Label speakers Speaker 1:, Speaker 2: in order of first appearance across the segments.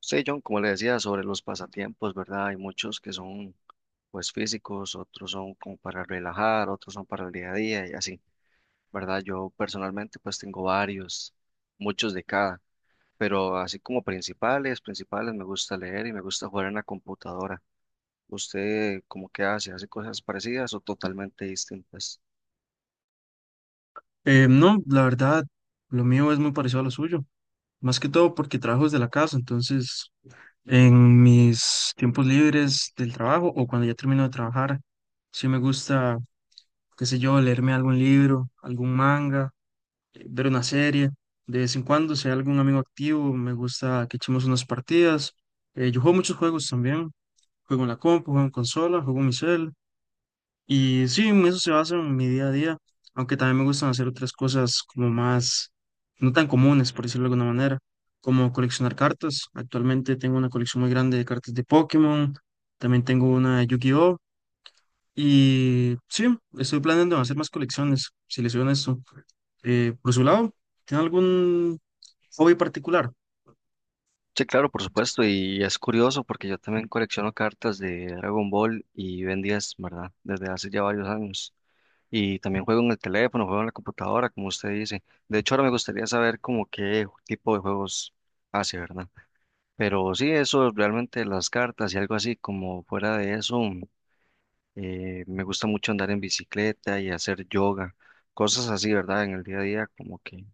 Speaker 1: Sí, John, como le decía, sobre los pasatiempos, ¿verdad? Hay muchos que son pues físicos, otros son como para relajar, otros son para el día a día y así, ¿verdad? Yo personalmente pues tengo varios, muchos de cada, pero así como principales, principales me gusta leer y me gusta jugar en la computadora. ¿Usted cómo que hace? ¿Hace cosas parecidas o totalmente distintas?
Speaker 2: No, la verdad, lo mío es muy parecido a lo suyo, más que todo porque trabajo desde la casa, entonces en mis tiempos libres del trabajo o cuando ya termino de trabajar, sí me gusta, qué sé yo, leerme algún libro, algún manga, ver una serie. De vez en cuando, si hay algún amigo activo, me gusta que echemos unas partidas. Yo juego muchos juegos también, juego en la compu, juego en consola, juego en mi cel. Y sí, en eso se basa en mi día a día, aunque también me gustan hacer otras cosas como más, no tan comunes, por decirlo de alguna manera, como coleccionar cartas. Actualmente tengo una colección muy grande de cartas de Pokémon, también tengo una de Yu-Gi-Oh! Y sí, estoy planeando hacer más colecciones, si les soy honesto. Por su lado, ¿tiene algún hobby particular?
Speaker 1: Sí, claro, por supuesto, y es curioso porque yo también colecciono cartas de Dragon Ball y Ben 10, ¿verdad? Desde hace ya varios años. Y también juego en el teléfono, juego en la computadora, como usted dice. De hecho, ahora me gustaría saber como qué tipo de juegos hace, ¿verdad? Pero sí, eso realmente las cartas y algo así, como fuera de eso, me gusta mucho andar en bicicleta y hacer yoga, cosas así, ¿verdad? En el día a día, como que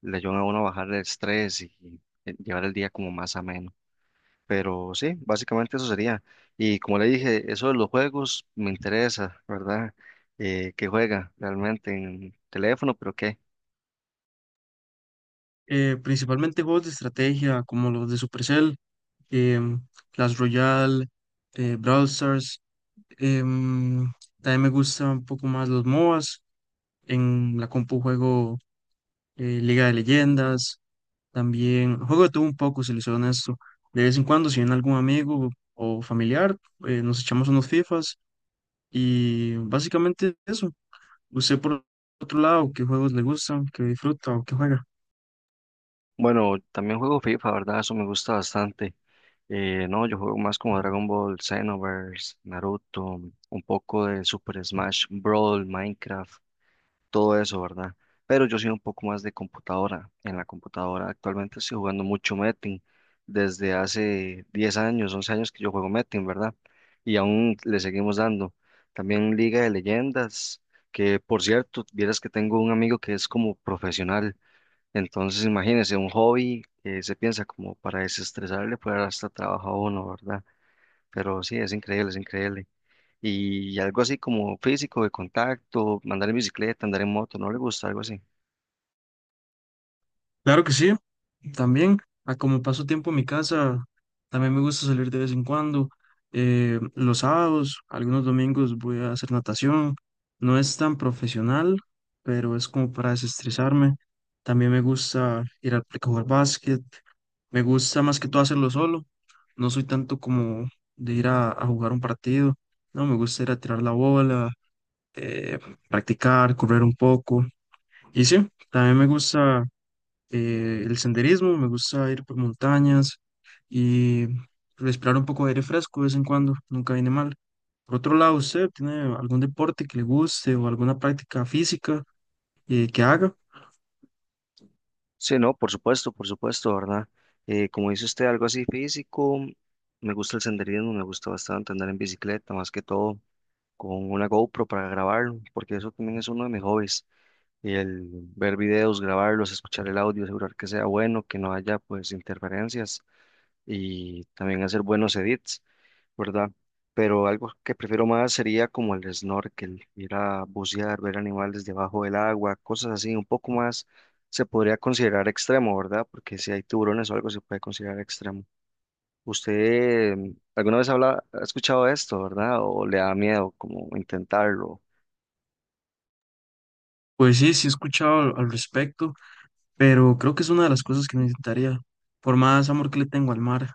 Speaker 1: le ayudan a uno a bajar el estrés y llevar el día como más ameno. Pero sí, básicamente eso sería. Y como le dije, eso de los juegos me interesa, ¿verdad? ¿qué juega realmente en teléfono? ¿Pero qué?
Speaker 2: Principalmente juegos de estrategia, como los de Supercell, em, Clash Royale, Brawl Stars. Em, También me gustan un poco más los MOBAs. En la compu juego Liga de Leyendas. También juego de todo un poco, si les soy honesto. De vez en cuando, si viene algún amigo o familiar, nos echamos unos FIFAs y básicamente eso. ¿Usted por otro lado qué juegos le gustan, qué disfruta o qué juega?
Speaker 1: Bueno, también juego FIFA, ¿verdad? Eso me gusta bastante. No, yo juego más como Dragon Ball, Xenoverse, Naruto, un poco de Super Smash Brawl, Minecraft, todo eso, ¿verdad? Pero yo soy un poco más de computadora. En la computadora actualmente estoy jugando mucho Metin, desde hace 10 años, 11 años que yo juego Metin, ¿verdad? Y aún le seguimos dando. También Liga de Leyendas, que por cierto, vieras que tengo un amigo que es como profesional, entonces imagínense, un hobby que se piensa como para desestresarle, pues hasta trabaja uno, ¿verdad? Pero sí, es increíble, es increíble. Y algo así como físico, de contacto, andar en bicicleta, andar en moto, ¿no le gusta algo así?
Speaker 2: Claro que sí, también, a como paso tiempo en mi casa, también me gusta salir de vez en cuando. Los sábados, algunos domingos voy a hacer natación. No es tan profesional, pero es como para desestresarme. También me gusta ir al parque a jugar básquet. Me gusta más que todo hacerlo solo. No soy tanto como de ir a jugar un partido. No, me gusta ir a tirar la bola, eh, practicar, correr un poco. Y sí, también me gusta el senderismo, me gusta ir por montañas y respirar un poco de aire fresco de vez en cuando, nunca viene mal. Por otro lado, ¿usted tiene algún deporte que le guste o alguna práctica física que haga?
Speaker 1: Sí, no, por supuesto, ¿verdad? Como dice usted, algo así físico, me gusta el senderismo, me gusta bastante andar en bicicleta, más que todo con una GoPro para grabarlo, porque eso también es uno de mis hobbies, el ver videos, grabarlos, escuchar el audio, asegurar que sea bueno, que no haya pues interferencias y también hacer buenos edits, ¿verdad? Pero algo que prefiero más sería como el snorkel, ir a bucear, ver animales debajo del agua, cosas así, un poco más se podría considerar extremo, ¿verdad? Porque si hay tiburones o algo se puede considerar extremo. ¿Usted alguna vez habla, ha escuchado esto, ¿verdad? ¿O le da miedo como intentarlo?
Speaker 2: Pues sí, sí he escuchado al respecto, pero creo que es una de las cosas que necesitaría. Por más amor que le tengo al mar,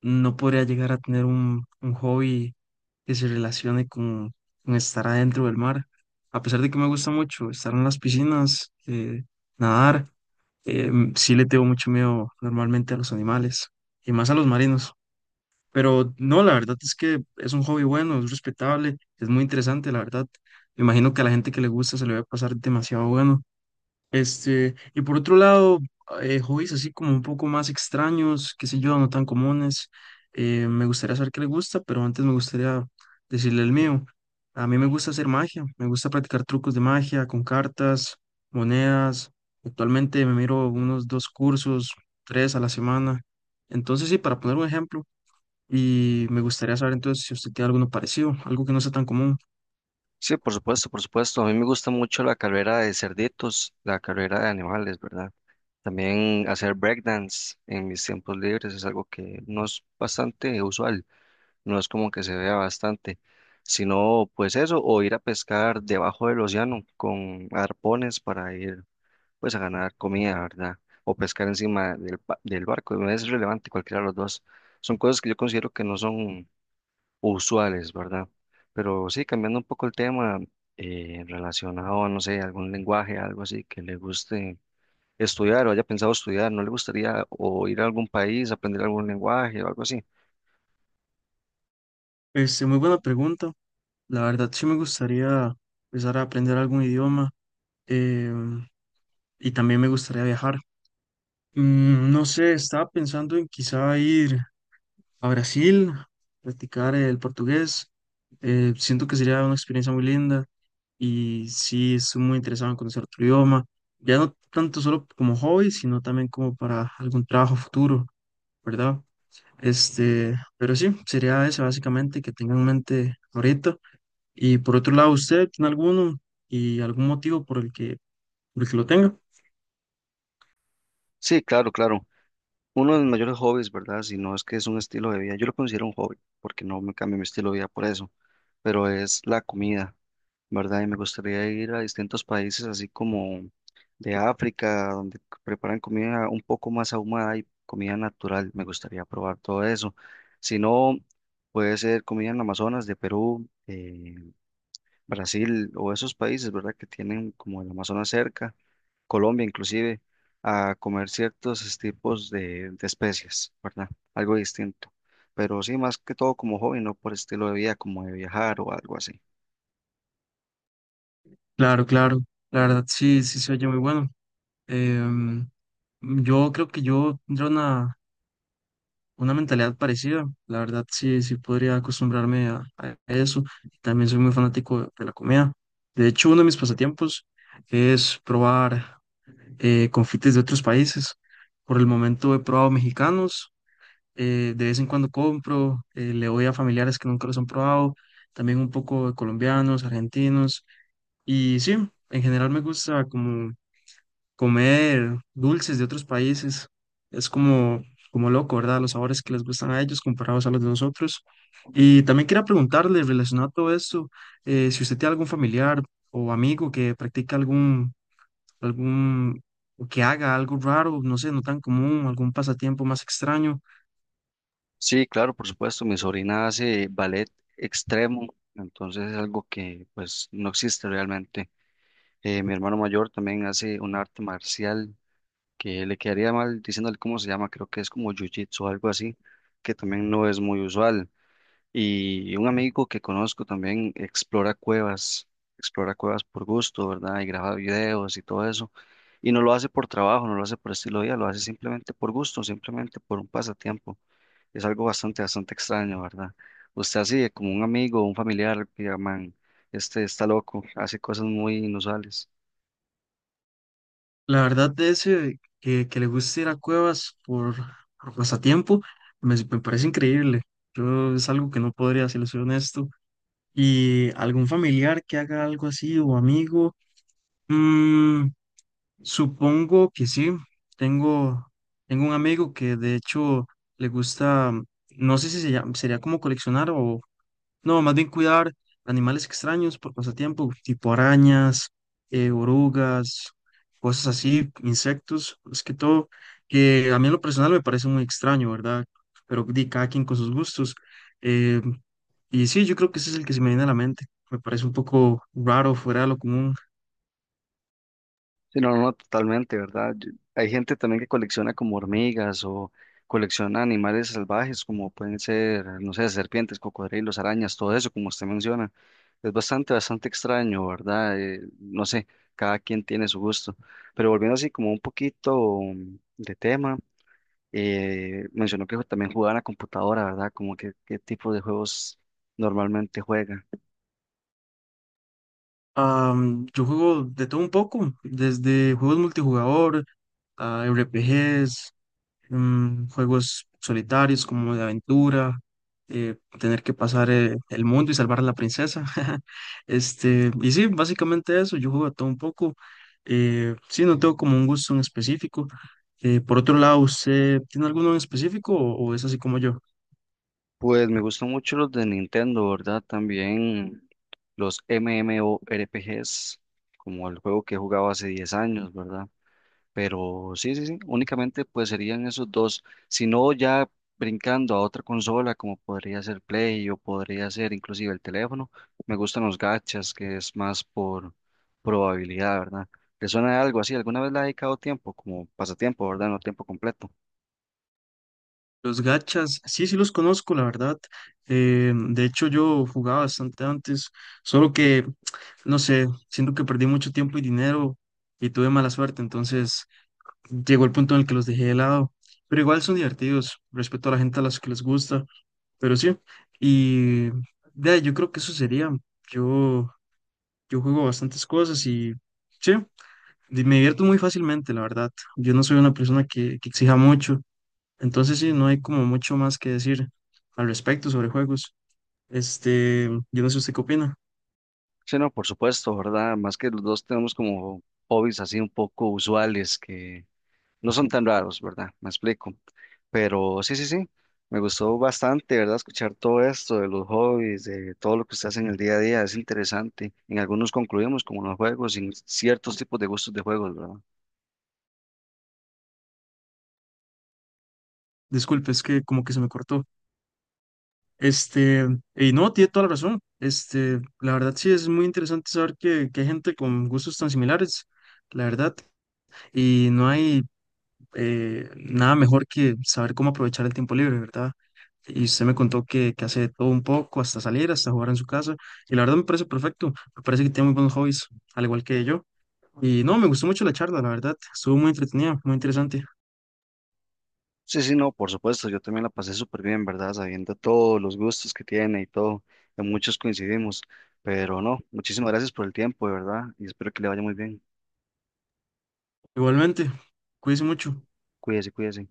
Speaker 2: no podría llegar a tener un hobby que se relacione con estar adentro del mar. A pesar de que me gusta mucho estar en las piscinas, nadar. Sí le tengo mucho miedo normalmente a los animales y más a los marinos. Pero no, la verdad es que es un hobby bueno, es respetable, es muy interesante, la verdad. Me imagino que a la gente que le gusta se le va a pasar demasiado bueno. Este, y por otro lado, hobbies así como un poco más extraños, qué sé yo, no tan comunes. Me gustaría saber qué le gusta, pero antes me gustaría decirle el mío. A mí me gusta hacer magia, me gusta practicar trucos de magia con cartas, monedas. Actualmente me miro unos dos cursos, tres a la semana. Entonces, sí, para poner un ejemplo, y me gustaría saber entonces si usted tiene alguno parecido, algo que no sea tan común.
Speaker 1: Sí, por supuesto, por supuesto. A mí me gusta mucho la carrera de cerditos, la carrera de animales, ¿verdad? También hacer breakdance en mis tiempos libres es algo que no es bastante usual, no es como que se vea bastante, sino pues eso, o ir a pescar debajo del océano con arpones para ir pues a ganar comida, ¿verdad? O pescar encima del barco, no es relevante cualquiera de los dos. Son cosas que yo considero que no son usuales, ¿verdad? Pero sí, cambiando un poco el tema, relacionado a, no sé, algún lenguaje, algo así que le guste estudiar o haya pensado estudiar, ¿no le gustaría o ir a algún país, aprender algún lenguaje o algo así?
Speaker 2: Este, muy buena pregunta. La verdad, sí me gustaría empezar a aprender algún idioma eh, y también me gustaría viajar. Mm, no sé, estaba pensando en quizá ir a Brasil, practicar el portugués. Siento que sería una experiencia muy linda y sí, estoy muy interesado en conocer otro idioma. Ya no tanto solo como hobby, sino también como para algún trabajo futuro, ¿verdad? Este, pero sí, sería eso básicamente que tengan en mente ahorita. Y por otro lado, ¿usted tiene alguno y algún motivo por el que lo tenga?
Speaker 1: Sí, claro, claro. Uno de los mayores hobbies, ¿verdad? Si no es que es un estilo de vida, yo lo considero un hobby, porque no me cambio mi estilo de vida por eso, pero es la comida, ¿verdad? Y me gustaría ir a distintos países, así como de África, donde preparan comida un poco más ahumada y comida natural. Me gustaría probar todo eso. Si no, puede ser comida en Amazonas de Perú, Brasil o esos países, ¿verdad? Que tienen como el Amazonas cerca, Colombia inclusive, a comer ciertos tipos de especies, ¿verdad? Algo distinto. Pero sí, más que todo como hobby, no por estilo de vida, como de viajar o algo así.
Speaker 2: Claro, claro. La verdad, sí, sí se oye muy bueno. Em, yo creo que yo tendría una mentalidad parecida. La verdad, sí, sí podría acostumbrarme a eso. También soy muy fanático de la comida. De hecho, uno de mis pasatiempos es probar confites de otros países. Por el momento he probado mexicanos. De vez en cuando compro, le doy a familiares que nunca los han probado. También un poco de colombianos, argentinos. Y sí, en general me gusta como comer dulces de otros países. Es como, como loco, ¿verdad? Los sabores que les gustan a ellos comparados a los de nosotros. Y también quería preguntarle, relacionado a todo esto, si usted tiene algún familiar o amigo que practica algún, algún, o que haga algo raro, no sé, no tan común, algún pasatiempo más extraño.
Speaker 1: Sí, claro, por supuesto, mi sobrina hace ballet extremo, entonces es algo que pues no existe realmente. Mi hermano mayor también hace un arte marcial que le quedaría mal diciéndole cómo se llama, creo que es como jiu-jitsu o algo así, que también no es muy usual. Y un amigo que conozco también explora cuevas por gusto, ¿verdad? Y graba videos y todo eso. Y no lo hace por trabajo, no lo hace por estilo de vida, lo hace simplemente por gusto, simplemente por un pasatiempo. Es algo bastante, bastante extraño, ¿verdad? Usted así, de como un amigo, un familiar, que llaman, este está loco, hace cosas muy inusuales.
Speaker 2: La verdad de ese que le gusta ir a cuevas por pasatiempo, me parece increíble. Yo es algo que no podría, si le soy honesto. Y algún familiar que haga algo así o amigo. Mm, supongo que sí. Tengo, Tengo un amigo que de hecho le gusta, no sé si se llama- sería como coleccionar o, no, más bien cuidar animales extraños por pasatiempo, tipo arañas, orugas, cosas así, insectos, es que todo, que a mí en lo personal me parece muy extraño, ¿verdad? Pero di cada quien con sus gustos. eh, y sí, yo creo que ese es el que se me viene a la mente. Me parece un poco raro, fuera de lo común.
Speaker 1: Sí, no, no, totalmente, ¿verdad? Hay gente también que colecciona como hormigas o colecciona animales salvajes como pueden ser, no sé, serpientes, cocodrilos, arañas, todo eso, como usted menciona. Es bastante, bastante extraño, ¿verdad? No sé, cada quien tiene su gusto. Pero volviendo así como un poquito de tema, mencionó que también jugaba en la computadora, ¿verdad? Como que qué tipo de juegos normalmente juega.
Speaker 2: Yo juego de todo un poco, desde juegos multijugador a RPGs, mm, juegos solitarios como de aventura, tener que pasar el mundo y salvar a la princesa. Este, y sí, básicamente eso, yo juego a todo un poco. Sí, no tengo como un gusto en específico. Por otro lado, ¿usted tiene alguno en específico o es así como yo?
Speaker 1: Pues me gustan mucho los de Nintendo, ¿verdad? También los MMORPGs, como el juego que he jugado hace 10 años, ¿verdad? Pero sí, sí, sí, únicamente pues serían esos dos. Si no, ya brincando a otra consola, como podría ser Play o podría ser inclusive el teléfono, me gustan los gachas, que es más por probabilidad, ¿verdad? ¿Le suena algo así? ¿Alguna vez le ha dedicado tiempo, como pasatiempo, ¿verdad? No tiempo completo.
Speaker 2: Los gachas, sí, sí los conozco, la verdad. De hecho, yo jugaba bastante antes, solo que, no sé, siento que perdí mucho tiempo y dinero y tuve mala suerte, entonces llegó el punto en el que los dejé de lado, pero igual son divertidos, respeto a la gente a las que les gusta, pero sí, y de ahí, yo creo que eso sería, yo, yo juego bastantes cosas y sí, di- me divierto muy fácilmente, la verdad, yo no soy una persona que exija mucho, entonces sí, no hay como mucho más que decir al respecto sobre juegos, este, yo no sé usted qué opina,
Speaker 1: Sí, no, por supuesto, ¿verdad? Más que los dos tenemos como hobbies así un poco usuales que no son tan raros, ¿verdad? Me explico. Pero sí, sí, sí, me gustó bastante, ¿verdad? Escuchar todo esto de los hobbies, de todo lo que usted hace en el día a día, es interesante. En algunos concluimos como los juegos, en ciertos tipos de gustos de juegos, ¿verdad?
Speaker 2: disculpe, es que como que se me cortó. Este, y no, tiene toda la razón. Este, la verdad sí es muy interesante saber que hay gente con gustos tan similares, la verdad. Y no hay nada mejor que saber cómo aprovechar el tiempo libre, ¿verdad? Y usted me contó que hace de todo un poco, hasta salir, hasta jugar en su casa. Y la verdad me parece perfecto. Me parece que tiene muy buenos hobbies, al igual que yo. Y no, me gustó mucho la charla, la verdad. Estuvo muy entretenida, muy interesante.
Speaker 1: Sí, sí, no, por supuesto, yo también la pasé súper bien, ¿verdad? Sabiendo todos los gustos que tiene y todo, en muchos coincidimos, pero no, muchísimas gracias por el tiempo, de verdad, y espero que le vaya muy bien.
Speaker 2: Igualmente, cuídese mucho.
Speaker 1: Cuídese, cuídese.